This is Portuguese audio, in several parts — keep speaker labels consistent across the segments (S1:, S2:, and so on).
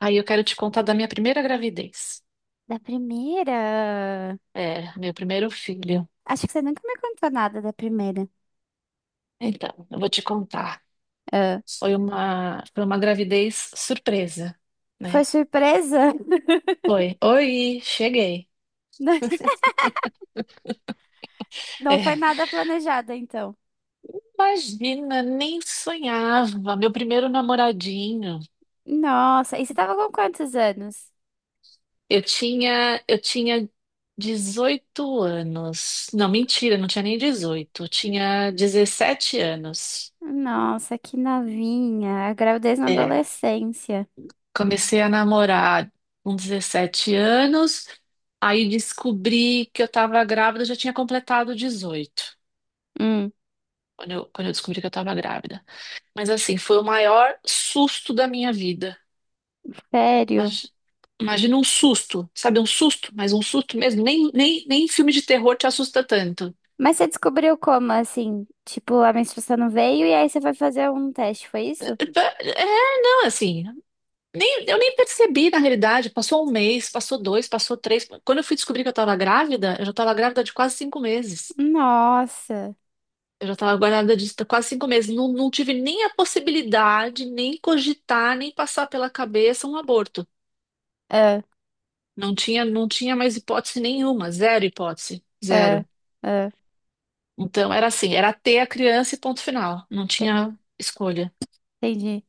S1: Aí eu quero te contar da minha primeira gravidez.
S2: Da primeira?
S1: É, meu primeiro filho.
S2: Acho que você nunca me contou nada da primeira.
S1: Então, eu vou te contar.
S2: Ah,
S1: Foi uma gravidez surpresa,
S2: foi
S1: né?
S2: surpresa?
S1: Foi. Oi, cheguei.
S2: Não, não foi
S1: É,
S2: nada planejado, então.
S1: imagina, nem sonhava. Meu primeiro namoradinho.
S2: Nossa, e você tava com quantos anos?
S1: Eu tinha 18 anos. Não, mentira, não tinha nem 18. Eu tinha 17 anos.
S2: Nossa, que novinha. A gravidez na
S1: É.
S2: adolescência.
S1: Comecei a namorar com 17 anos. Aí descobri que eu estava grávida, eu já tinha completado 18,
S2: Hum,
S1: quando eu descobri que eu estava grávida. Mas assim, foi o maior susto da minha vida.
S2: sério?
S1: Imag- Imagina um susto, sabe? Um susto, mas um susto mesmo. Nem filme de terror te assusta tanto.
S2: Mas você descobriu como, assim? Tipo, a menstruação não veio e aí você foi fazer um teste, foi isso?
S1: É, assim, nem, eu nem percebi na realidade. Passou um mês, passou dois, passou três. Quando eu fui descobrir que eu estava grávida, eu já estava grávida de quase cinco meses.
S2: Nossa.
S1: Eu já estava guardada disso há quase cinco meses. Não tive nem a possibilidade, nem cogitar, nem passar pela cabeça um aborto.
S2: Ah,
S1: Não tinha mais hipótese nenhuma, zero hipótese,
S2: ah,
S1: zero.
S2: ah.
S1: Então era assim, era ter a criança e ponto final. Não
S2: Te-
S1: tinha escolha.
S2: Entendi.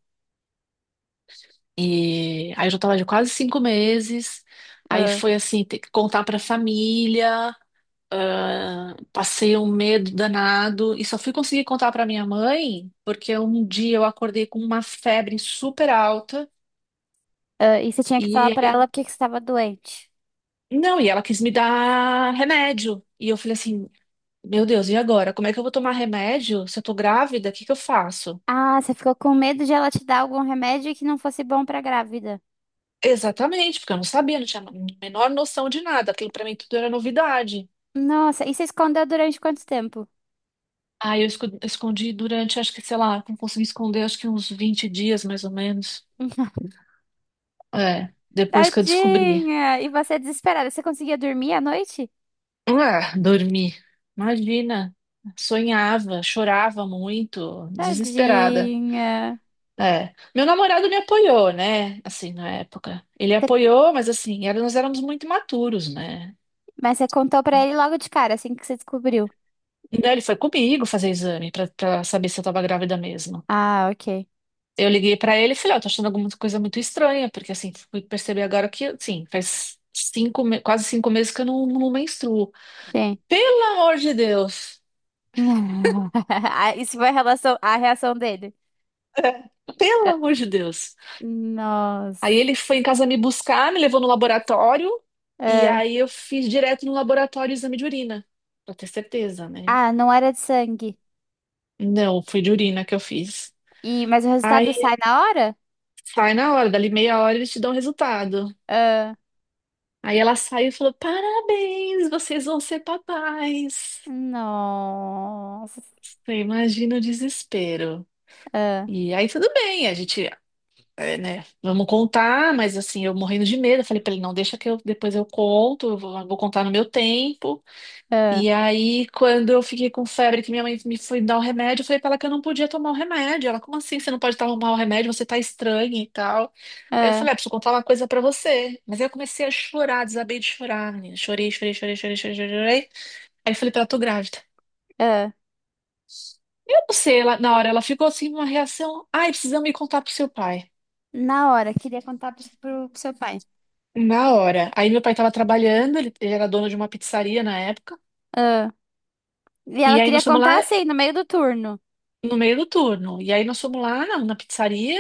S1: E aí eu já estava de quase cinco meses. Aí
S2: Ah,
S1: foi assim, ter que contar para a família. Passei um medo danado e só fui conseguir contar para minha mãe porque um dia eu acordei com uma febre super alta.
S2: ah. E você tinha que falar pra ela
S1: E
S2: porque que você tava doente.
S1: Não, e ela quis me dar remédio. E eu falei assim: Meu Deus, e agora? Como é que eu vou tomar remédio se eu tô grávida? O que que eu faço?
S2: Ah, você ficou com medo de ela te dar algum remédio que não fosse bom pra grávida.
S1: Exatamente, porque eu não sabia, não tinha a menor noção de nada. Aquilo pra mim tudo era novidade.
S2: Nossa, e você escondeu durante quanto tempo?
S1: Aí eu escondi durante, acho que, sei lá, não consegui esconder, acho que uns vinte dias mais ou menos. É, depois que eu descobri.
S2: Tadinha! E você desesperada, você conseguia dormir à noite?
S1: Ah, dormi. Imagina. Sonhava, chorava muito, desesperada.
S2: Tadinha.
S1: É. Meu namorado me apoiou, né? Assim, na época. Ele
S2: Você-
S1: apoiou, mas assim, era- nós éramos muito imaturos, né?
S2: Mas você contou pra ele logo de cara, assim que você descobriu.
S1: Então ele foi comigo fazer exame pra saber se eu tava grávida mesmo.
S2: Ah, ok.
S1: Eu liguei pra ele e falei, ó, tô achando alguma coisa muito estranha, porque assim, fui perceber agora que, assim, faz cinco, quase cinco meses que eu não menstruo.
S2: Sim.
S1: Pelo amor de Deus!
S2: Ah, isso foi a relação, a reação dele.
S1: É, Pelo
S2: Ah,
S1: amor de Deus! Aí
S2: nossa.
S1: ele foi em casa me buscar, me levou no laboratório, e
S2: Ah,
S1: aí eu fiz direto no laboratório o exame de urina, pra ter certeza, né?
S2: ah, não era de sangue.
S1: Não, foi de urina que eu fiz.
S2: E, mas o resultado
S1: Aí
S2: sai na hora?
S1: sai na hora, dali meia hora eles te dão o resultado.
S2: Ah,
S1: Aí ela saiu e falou: Parabéns, vocês vão ser papais.
S2: nossa.
S1: Você imagina o desespero.
S2: Ah,
S1: E aí tudo bem, a gente, é, né, vamos contar, mas assim, eu morrendo de medo. Eu falei pra ele: Não, deixa que eu depois eu conto, eu vou contar no meu tempo.
S2: ah,
S1: E aí, quando eu fiquei com febre, que minha mãe me foi dar o remédio, eu falei pra ela que eu não podia tomar o remédio. Ela, como assim? Você não pode tomar o remédio, você tá estranha e tal. Aí eu
S2: ah,
S1: falei, ah, preciso contar uma coisa pra você. Mas aí eu comecei a chorar, desabei de chorar, menina. Chorei, chorei, chorei, chorei, chorei, chorei, chorei. Aí eu falei pra ela, tô grávida.
S2: ah.
S1: Eu não sei, ela, na hora ela ficou assim, uma reação. Ai, precisamos me contar pro seu pai.
S2: Na hora, queria contar pro, pro seu pai.
S1: Na hora. Aí meu pai tava trabalhando, ele era dono de uma pizzaria na época.
S2: Ah. E
S1: E
S2: ela
S1: aí
S2: queria
S1: nós fomos lá
S2: contar assim, no meio do turno.
S1: no meio do turno. E aí nós fomos lá na pizzaria.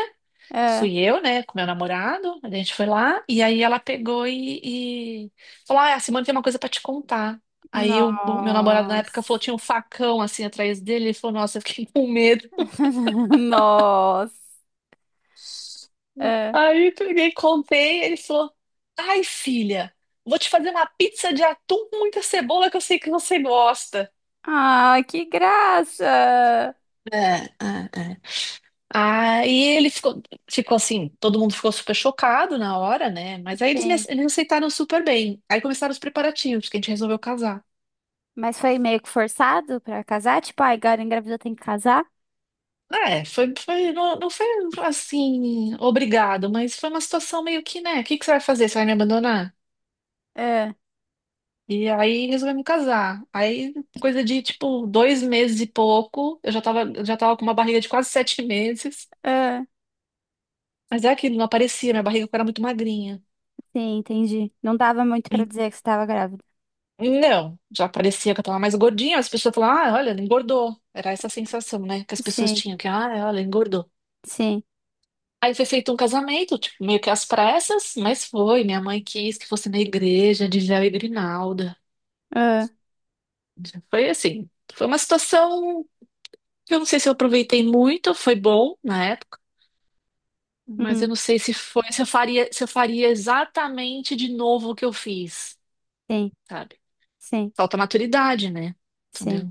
S2: Ah.
S1: Fui eu, né, com meu namorado, a gente foi lá, e aí ela pegou e falou, ah, a Simone tem uma coisa pra te contar. Aí o meu namorado na época falou,
S2: Nossa.
S1: tinha um facão assim atrás dele, ele falou, nossa, eu fiquei com medo.
S2: Nossa. Ah,
S1: Aí eu peguei, e contei, ele falou, ai, filha, vou te fazer uma pizza de atum com muita cebola que eu sei que você gosta.
S2: ah, que graça.
S1: É, é, é. Aí ele ficou assim, todo mundo ficou super chocado na hora, né? Mas aí eles, me,
S2: Sim.
S1: eles aceitaram super bem. Aí começaram os preparativos, que a gente resolveu casar.
S2: Mas foi meio que forçado pra casar? Tipo, ai, agora engravidou, tem que casar?
S1: Ah, é, foi, não foi assim, obrigado, mas foi uma situação meio que, né? O que que você vai fazer? Você vai me abandonar?
S2: Ah,
S1: E aí resolvemos casar. Aí, coisa de tipo dois meses e pouco, eu já tava com uma barriga de quase sete meses.
S2: ah.
S1: Mas é aquilo, não aparecia, minha barriga era muito magrinha.
S2: Sim, entendi. Não dava muito pra dizer que você estava grávida.
S1: Não, já parecia que eu tava mais gordinha. As pessoas falavam, ah, olha, ela engordou. Era essa a sensação, né, que as pessoas
S2: Sim,
S1: tinham, que, ah, olha, engordou.
S2: sim.
S1: Aí foi feito um casamento, tipo, meio que às pressas, mas foi. Minha mãe quis que fosse na igreja, de véu e grinalda.
S2: Ah,
S1: Foi assim, foi uma situação que eu não sei se eu aproveitei muito, foi bom na época, mas
S2: hum,
S1: eu não sei se foi, se eu faria exatamente de novo o que eu fiz,
S2: sim,
S1: sabe?
S2: sim,
S1: Falta maturidade, né?
S2: sim.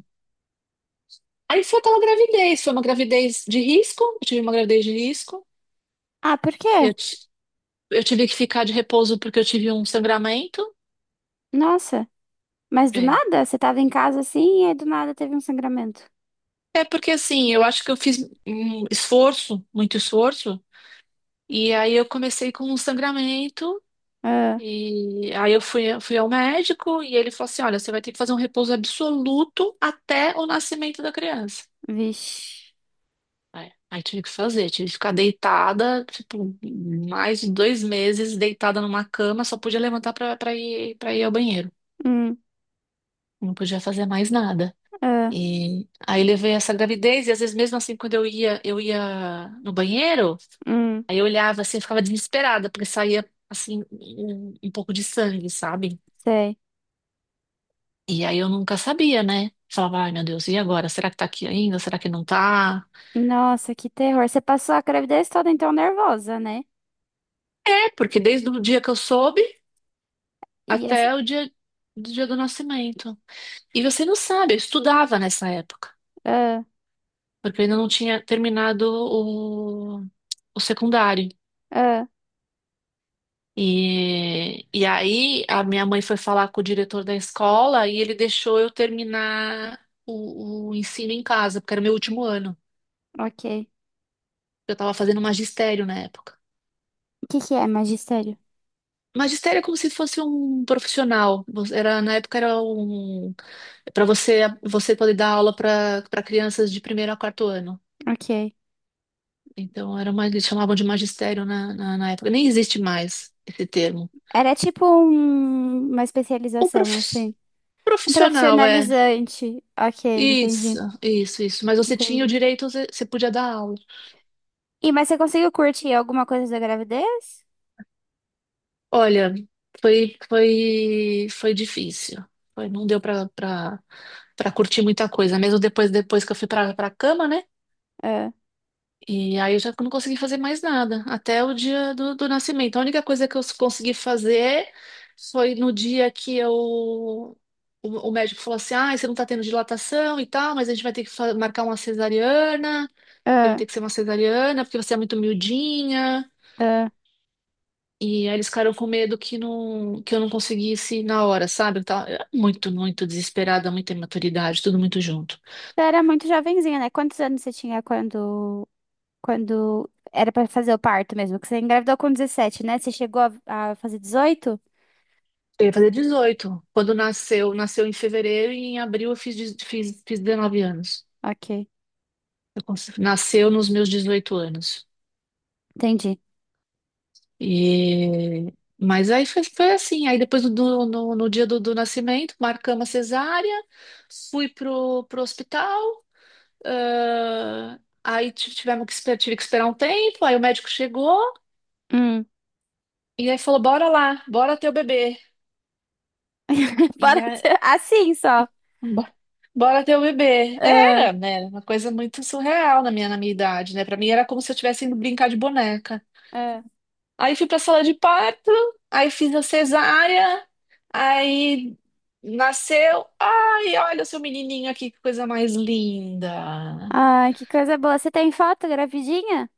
S1: Aí foi aquela gravidez, foi uma gravidez de risco, eu tive uma gravidez de risco.
S2: Ah, por quê?
S1: Eu, ti- eu tive que ficar de repouso porque eu tive um sangramento.
S2: Nossa, mas do
S1: É.
S2: nada? Você tava em casa assim e aí do nada teve um sangramento.
S1: É porque assim, eu acho que eu fiz um esforço, muito esforço, e aí eu comecei com um sangramento,
S2: Ah,
S1: e aí eu fui ao médico e ele falou assim: olha, você vai ter que fazer um repouso absoluto até o nascimento da criança.
S2: vixe.
S1: É. Aí tive que fazer, tive que ficar deitada, tipo, mais de dois meses deitada numa cama, só podia levantar pra ir ao banheiro.
S2: Hum,
S1: Não podia fazer mais nada.
S2: ah,
S1: E aí levei essa gravidez, e às vezes mesmo assim, quando eu ia no banheiro,
S2: hum,
S1: aí eu olhava assim, eu ficava desesperada, porque saía assim, um pouco de sangue, sabe?
S2: sei.
S1: E aí eu nunca sabia, né? Falava, ai meu Deus, e agora? Será que tá aqui ainda? Será que não tá?
S2: Nossa, que terror. Você passou a gravidez toda então nervosa, né?
S1: É, porque desde o dia que eu soube
S2: E essa...
S1: até o dia do nascimento. E você não sabe, eu estudava nessa época,
S2: Ah,
S1: porque eu ainda não tinha terminado o secundário.
S2: ah,
S1: E aí a minha mãe foi falar com o diretor da escola e ele deixou eu terminar o ensino em casa, porque era o meu último ano.
S2: ok.
S1: Eu estava fazendo magistério na época.
S2: O que que é magistério?
S1: Magistério é como se fosse um profissional. Era, na época era um para você poder dar aula para crianças de primeiro a quarto ano.
S2: Ok.
S1: Então, era uma, eles chamavam de magistério na época. Nem existe mais esse termo.
S2: Era tipo uma
S1: O
S2: especialização,
S1: profi-
S2: assim. Um
S1: Profissional, é.
S2: profissionalizante. Ok,
S1: Isso,
S2: entendi,
S1: isso, isso. Mas você tinha o
S2: entendi.
S1: direito, você podia dar aula.
S2: E mas você conseguiu curtir alguma coisa da gravidez?
S1: Olha, foi difícil. Foi, não deu para curtir muita coisa. Mesmo depois que eu fui para a cama, né?
S2: Ah,
S1: E aí eu já não consegui fazer mais nada, até o dia do nascimento. A única coisa que eu consegui fazer foi no dia que eu, o médico falou assim: ah, você não tá tendo dilatação e tal, mas a gente vai ter que marcar uma cesariana, que vai
S2: ah,
S1: ter que ser uma cesariana, porque você é muito miudinha.
S2: ah.
S1: E aí eles ficaram com medo que, não, que eu não conseguisse na hora, sabe? Eu era muito, muito desesperada, muita imaturidade, tudo muito junto.
S2: Você era muito jovenzinha, né? Quantos anos você tinha quando era pra fazer o parto mesmo? Que você engravidou com 17, né? Você chegou a fazer 18?
S1: Eu ia fazer 18 quando nasceu, nasceu em fevereiro e em abril eu fiz 19 anos.
S2: Ok,
S1: Nasceu nos meus 18 anos.
S2: entendi.
S1: E... Mas aí foi, foi assim. Aí depois no dia do nascimento, marcamos a cesárea, fui pro hospital. Aí tivemos que, tive que esperar um tempo. Aí o médico chegou
S2: Hum.
S1: e aí falou: Bora lá, bora ter o bebê. e a-
S2: Assim só.
S1: Bo- Bora ter o bebê.
S2: Ah,
S1: Era, né? Era uma coisa muito surreal na na minha idade, né? Pra mim era como se eu estivesse indo brincar de boneca.
S2: ah.
S1: Aí fui pra sala de parto, aí fiz a cesárea, aí nasceu. Ai, olha o seu menininho aqui, que coisa mais linda.
S2: Ai, que coisa boa. Você tem foto gravidinha?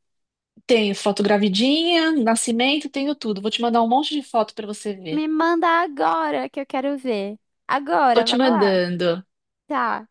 S1: Tenho foto gravidinha, nascimento, tenho tudo. Vou te mandar um monte de foto pra você ver.
S2: Me manda agora que eu quero ver.
S1: Tô
S2: Agora,
S1: te
S2: vai lá.
S1: mandando.
S2: Tá.